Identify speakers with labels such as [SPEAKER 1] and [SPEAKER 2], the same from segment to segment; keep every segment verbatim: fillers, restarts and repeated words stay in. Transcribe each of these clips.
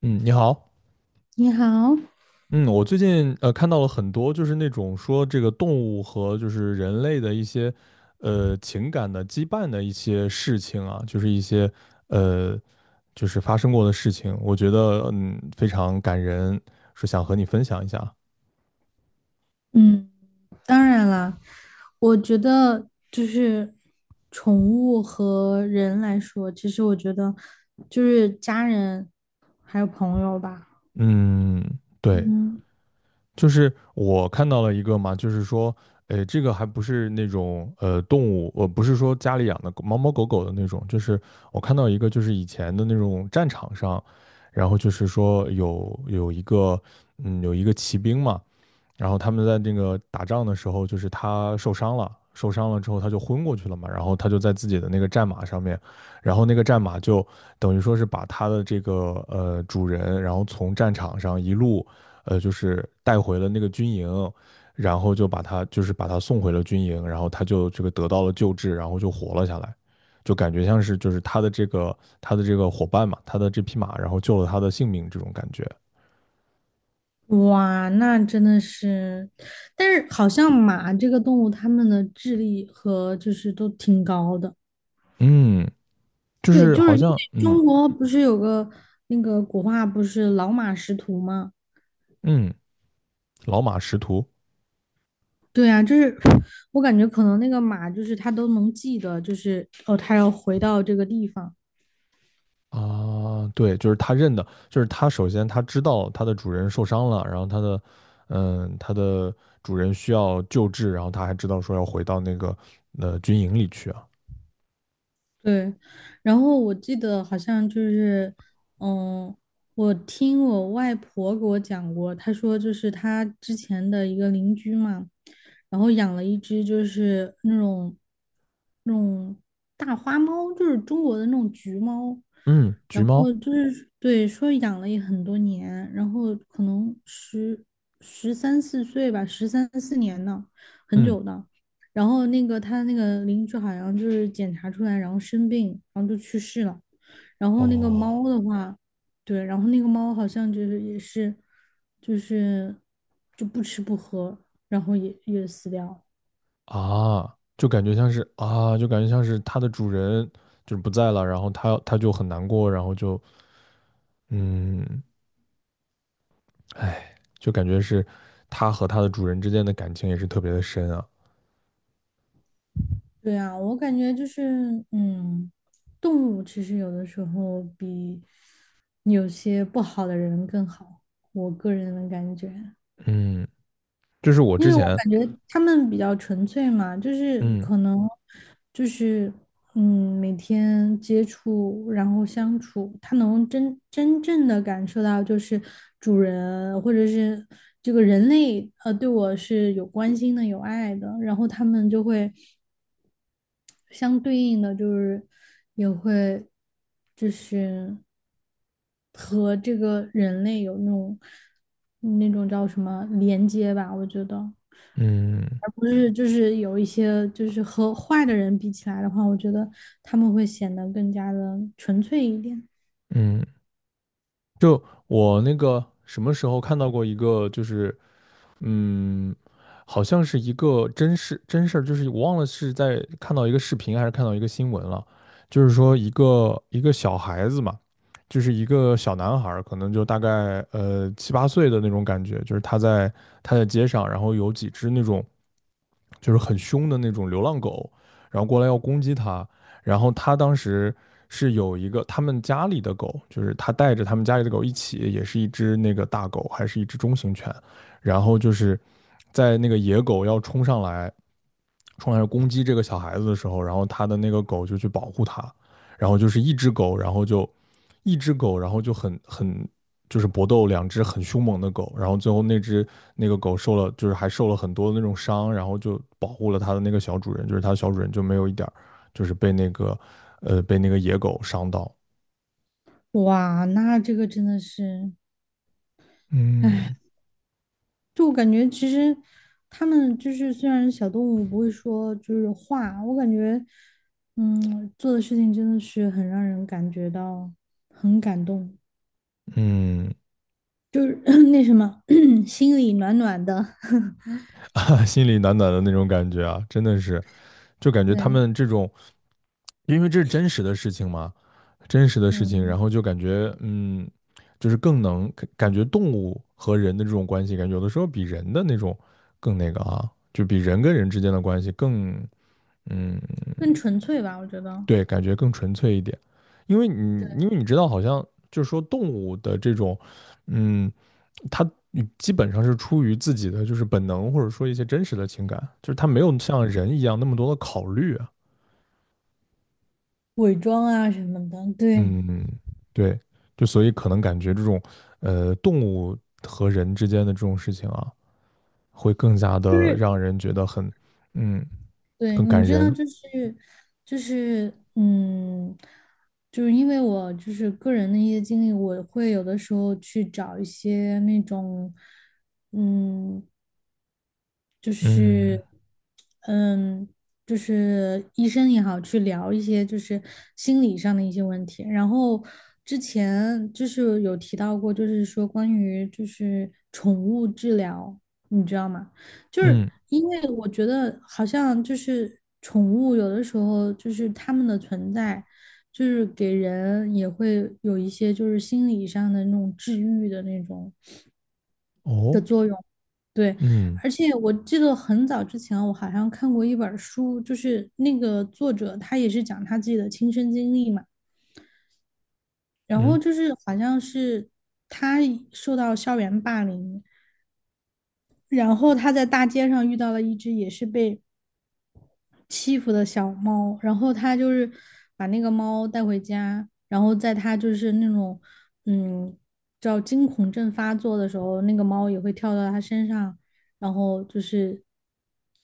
[SPEAKER 1] 嗯，你好。
[SPEAKER 2] 你好。
[SPEAKER 1] 嗯，我最近呃看到了很多，就是那种说这个动物和就是人类的一些呃情感的羁绊的一些事情啊，就是一些呃就是发生过的事情，我觉得嗯非常感人，是想和你分享一下。
[SPEAKER 2] 嗯，当然了。我觉得就是宠物和人来说，其实我觉得就是家人还有朋友吧。
[SPEAKER 1] 嗯，对。
[SPEAKER 2] 嗯，
[SPEAKER 1] 就是我看到了一个嘛，就是说，呃，这个还不是那种呃动物，我不是说家里养的狗猫猫狗狗的那种，就是我看到一个，就是以前的那种战场上，然后就是说有有一个，嗯，有一个骑兵嘛，然后他们在那个打仗的时候，就是他受伤了，受伤了之后他就昏过去了嘛，然后他就在自己的那个战马上面，然后那个战马就等于说是把他的这个呃主人，然后从战场上一路呃就是带回了那个军营，然后就把他就是把他送回了军营，然后他就这个得到了救治，然后就活了下来，就感觉像是就是他的这个他的这个伙伴嘛，他的这匹马，然后救了他的性命这种感觉。
[SPEAKER 2] 哇，那真的是，但是好像马这个动物，它们的智力和就是都挺高的。
[SPEAKER 1] 嗯，就
[SPEAKER 2] 对，
[SPEAKER 1] 是
[SPEAKER 2] 就
[SPEAKER 1] 好
[SPEAKER 2] 是因
[SPEAKER 1] 像
[SPEAKER 2] 为
[SPEAKER 1] 嗯
[SPEAKER 2] 中国不是有个那个古话，不是老马识途吗？
[SPEAKER 1] 嗯。老马识途。
[SPEAKER 2] 对啊，就是我感觉可能那个马就是他都能记得，就是哦，他要回到这个地方。
[SPEAKER 1] 啊，对，就是他认的，就是他首先他知道他的主人受伤了，然后他的，嗯，他的主人需要救治，然后他还知道说要回到那个呃军营里去啊。
[SPEAKER 2] 对，然后我记得好像就是，嗯，我听我外婆给我讲过。她说就是她之前的一个邻居嘛，然后养了一只就是那种那种大花猫，就是中国的那种橘猫。
[SPEAKER 1] 嗯，橘
[SPEAKER 2] 然后
[SPEAKER 1] 猫。
[SPEAKER 2] 就是对，说养了也很多年，然后可能十十三四岁吧，十三四年呢，很
[SPEAKER 1] 嗯，
[SPEAKER 2] 久的。然后那个他那个邻居好像就是检查出来，然后生病，然后就去世了。然后那个猫
[SPEAKER 1] 哦
[SPEAKER 2] 的话，对，然后那个猫好像就是也是，就是就不吃不喝，然后也也死掉了。
[SPEAKER 1] 啊，就感觉像是啊，就感觉像是他的主人就是不在了，然后他他就很难过，然后就嗯，哎，就感觉是他和他的主人之间的感情也是特别的深啊。
[SPEAKER 2] 对啊，我感觉就是，嗯，动物其实有的时候比有些不好的人更好，我个人的感觉。
[SPEAKER 1] 嗯，就是我
[SPEAKER 2] 因
[SPEAKER 1] 之
[SPEAKER 2] 为我
[SPEAKER 1] 前
[SPEAKER 2] 感觉他们比较纯粹嘛，就是
[SPEAKER 1] 嗯。
[SPEAKER 2] 可能就是嗯，每天接触，然后相处，他能真真正的感受到，就是主人或者是这个人类，呃，对我是有关心的、有爱的，然后他们就会。相对应的就是也会就是和这个人类有那种那种叫什么连接吧，我觉得。
[SPEAKER 1] 嗯
[SPEAKER 2] 而不是就是有一些就是和坏的人比起来的话，我觉得他们会显得更加的纯粹一点。
[SPEAKER 1] 嗯，就我那个什么时候看到过一个，就是嗯，好像是一个真事真事儿，就是我忘了是在看到一个视频还是看到一个新闻了，就是说一个一个小孩子嘛，就是一个小男孩儿可能就大概呃七八岁的那种感觉，就是他在他在街上，然后有几只那种就是很凶的那种流浪狗，然后过来要攻击他，然后他当时是有一个他们家里的狗，就是他带着他们家里的狗一起，也是一只那个大狗，还是一只中型犬。然后就是在那个野狗要冲上来，冲上来攻击这个小孩子的时候，然后他的那个狗就去保护他，然后就是一只狗，然后就一只狗，然后就很很就是搏斗，两只很凶猛的狗，然后最后那只那个狗受了就是还受了很多的那种伤，然后就保护了它的那个小主人，就是它小主人就没有一点就是被那个呃被那个野狗伤到。
[SPEAKER 2] 哇，那这个真的是。
[SPEAKER 1] 嗯。
[SPEAKER 2] 就我感觉，其实他们就是虽然小动物不会说就是话，我感觉，嗯，做的事情真的是很让人感觉到很感动，
[SPEAKER 1] 嗯，
[SPEAKER 2] 就是 那什么 心里暖暖的。
[SPEAKER 1] 啊，心里暖暖的那种感觉啊，真的是，就感 觉他
[SPEAKER 2] 对，
[SPEAKER 1] 们这种因为这是真实的事情嘛，真实的事情，
[SPEAKER 2] 嗯，
[SPEAKER 1] 然后就感觉，嗯，就是更能感觉动物和人的这种关系，感觉有的时候比人的那种更那个啊，就比人跟人之间的关系更。嗯，
[SPEAKER 2] 更纯粹吧，我觉得
[SPEAKER 1] 对，感觉更纯粹一点。因为你，因为你知道，好像就是说动物的这种，嗯，它基本上是出于自己的就是本能，或者说一些真实的情感，就是它没有像人一样那么多的考虑啊。
[SPEAKER 2] 伪装啊什么的。对，
[SPEAKER 1] 嗯，对，就所以可能感觉这种，呃，动物和人之间的这种事情啊，会更加
[SPEAKER 2] 就
[SPEAKER 1] 的
[SPEAKER 2] 是
[SPEAKER 1] 让人觉得很。嗯，
[SPEAKER 2] 对，
[SPEAKER 1] 更
[SPEAKER 2] 你
[SPEAKER 1] 感
[SPEAKER 2] 知道，
[SPEAKER 1] 人。
[SPEAKER 2] 就是就是，嗯，就是因为我就是个人的一些经历，我会有的时候去找一些那种，嗯，就是，
[SPEAKER 1] 嗯
[SPEAKER 2] 嗯，就是医生也好，去聊一些就是心理上的一些问题。然后之前就是有提到过，就是说关于就是宠物治疗，你知道吗？就是
[SPEAKER 1] 嗯
[SPEAKER 2] 因为我觉得好像就是宠物有的时候就是它们的存在，就是给人也会有一些就是心理上的那种治愈的那种的
[SPEAKER 1] 哦
[SPEAKER 2] 作用。对，
[SPEAKER 1] 嗯
[SPEAKER 2] 而且我记得很早之前我好像看过一本书，就是那个作者他也是讲他自己的亲身经历嘛。然后
[SPEAKER 1] 嗯
[SPEAKER 2] 就是好像是他受到校园霸凌，然后他在大街上遇到了一只也是被欺负的小猫，然后他就是把那个猫带回家，然后在它就是那种嗯叫惊恐症发作的时候，那个猫也会跳到他身上，然后就是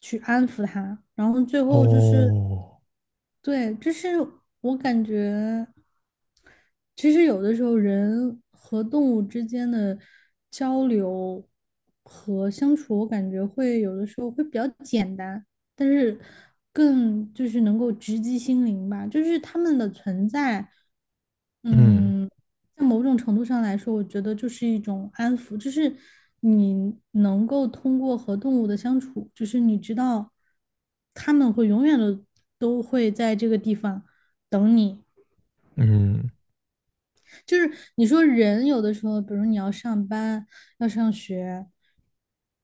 [SPEAKER 2] 去安抚它，然后最后就是
[SPEAKER 1] 哦
[SPEAKER 2] 对，就是我感觉其实有的时候人和动物之间的交流和相处，我感觉会有的时候会比较简单。但是更就是能够直击心灵吧，就是他们的存在，
[SPEAKER 1] 嗯
[SPEAKER 2] 嗯，在某种程度上来说，我觉得就是一种安抚。就是你能够通过和动物的相处，就是你知道他们会永远的都会在这个地方等你。
[SPEAKER 1] 嗯
[SPEAKER 2] 就是你说人有的时候，比如你要上班，要上学。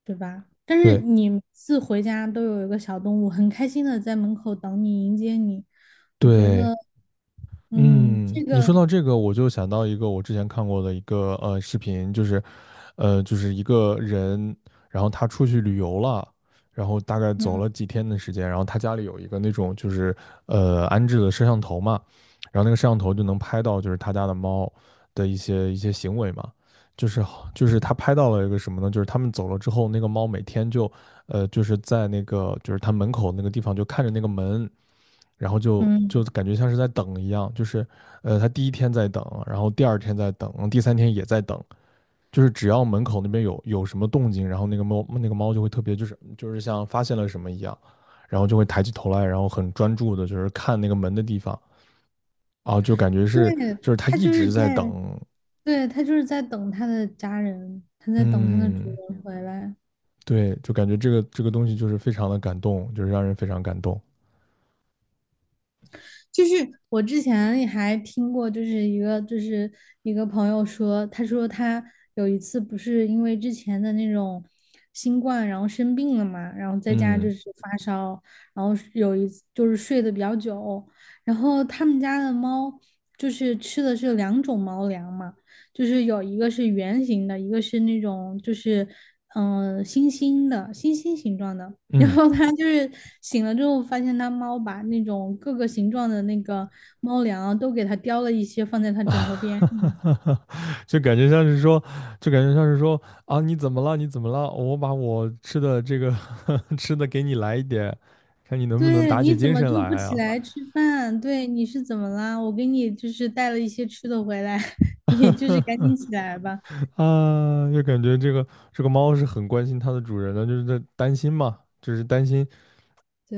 [SPEAKER 2] 对吧？但是
[SPEAKER 1] 对
[SPEAKER 2] 你每次回家都有一个小动物，很开心的在门口等你迎接你，我觉
[SPEAKER 1] 对。
[SPEAKER 2] 得，嗯，
[SPEAKER 1] 嗯，
[SPEAKER 2] 这
[SPEAKER 1] 你说
[SPEAKER 2] 个，
[SPEAKER 1] 到这个，我就想到一个我之前看过的一个呃视频，就是，呃，就是一个人，然后他出去旅游了，然后大概走
[SPEAKER 2] 嗯
[SPEAKER 1] 了几天的时间，然后他家里有一个那种就是呃安置的摄像头嘛，然后那个摄像头就能拍到就是他家的猫的一些一些行为嘛，就是好就是他拍到了一个什么呢？就是他们走了之后，那个猫每天就呃就是在那个就是他门口那个地方就看着那个门。然后就就
[SPEAKER 2] 嗯，
[SPEAKER 1] 感觉像是在等一样，就是呃，他第一天在等，然后第二天在等，第三天也在等，就是只要门口那边有有什么动静，然后那个猫那个猫就会特别就是就是像发现了什么一样，然后就会抬起头来，然后很专注的就是看那个门的地方啊，就感觉
[SPEAKER 2] 对。
[SPEAKER 1] 是就是它
[SPEAKER 2] 它
[SPEAKER 1] 一
[SPEAKER 2] 就是
[SPEAKER 1] 直在
[SPEAKER 2] 在，
[SPEAKER 1] 等。
[SPEAKER 2] 对，它就是在等它的家人，它在等它的主
[SPEAKER 1] 嗯，
[SPEAKER 2] 人回来。
[SPEAKER 1] 对，就感觉这个这个东西就是非常的感动，就是让人非常感动。
[SPEAKER 2] 就是我之前也还听过，就是一个就是一个朋友说。他说他有一次不是因为之前的那种新冠，然后生病了嘛，然后在家就
[SPEAKER 1] 嗯。
[SPEAKER 2] 是发烧，然后有一次就是睡得比较久，然后他们家的猫就是吃的是两种猫粮嘛，就是有一个是圆形的，一个是那种就是嗯、呃星星的星星形状的。然
[SPEAKER 1] 嗯。
[SPEAKER 2] 后他就是醒了之后，发现它猫把那种各个形状的那个猫粮啊都给它叼了一些，放在 它枕头
[SPEAKER 1] 啊，
[SPEAKER 2] 边上。
[SPEAKER 1] 就感觉像是说，就感觉像是说啊，你怎么了？你怎么了？我把我吃的这个 吃的给你来一点，看你能不能
[SPEAKER 2] 对，
[SPEAKER 1] 打起
[SPEAKER 2] 你怎
[SPEAKER 1] 精
[SPEAKER 2] 么
[SPEAKER 1] 神
[SPEAKER 2] 就不
[SPEAKER 1] 来
[SPEAKER 2] 起
[SPEAKER 1] 啊！
[SPEAKER 2] 来吃饭？对，你是怎么啦？我给你就是带了一些吃的回来，你就是赶紧起来吧。
[SPEAKER 1] 啊，就感觉这个这个猫是很关心它的主人的，就是在担心嘛，就是担心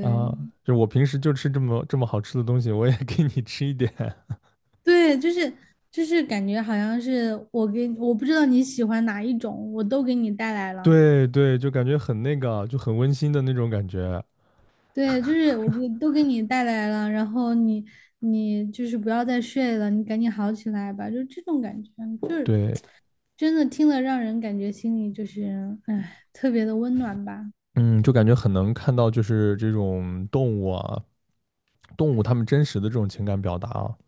[SPEAKER 1] 啊，就我平时就吃这么这么好吃的东西，我也给你吃一点。
[SPEAKER 2] 对，就是就是感觉好像是我给我不知道你喜欢哪一种，我都给你带来了。
[SPEAKER 1] 对对，就感觉很那个，就很温馨的那种感觉。
[SPEAKER 2] 对，就是我给都给你带来了，然后你你就是不要再睡了，你赶紧好起来吧，就这种感觉。就是
[SPEAKER 1] 对，
[SPEAKER 2] 真的听了让人感觉心里就是哎特别的温暖吧。
[SPEAKER 1] 嗯，就感觉很能看到就是这种动物啊动物它们真实的这种情感表达啊。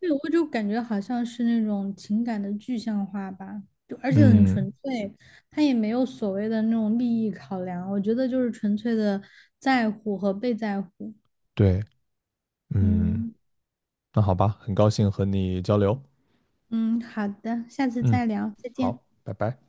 [SPEAKER 2] 对，我就感觉好像是那种情感的具象化吧，就而且很
[SPEAKER 1] 嗯，
[SPEAKER 2] 纯粹，他也没有所谓的那种利益考量，我觉得就是纯粹的在乎和被在乎。
[SPEAKER 1] 对，嗯，
[SPEAKER 2] 嗯
[SPEAKER 1] 那好吧，很高兴和你交流。
[SPEAKER 2] 嗯，好的，下次
[SPEAKER 1] 嗯，
[SPEAKER 2] 再聊，再见。
[SPEAKER 1] 好，拜拜。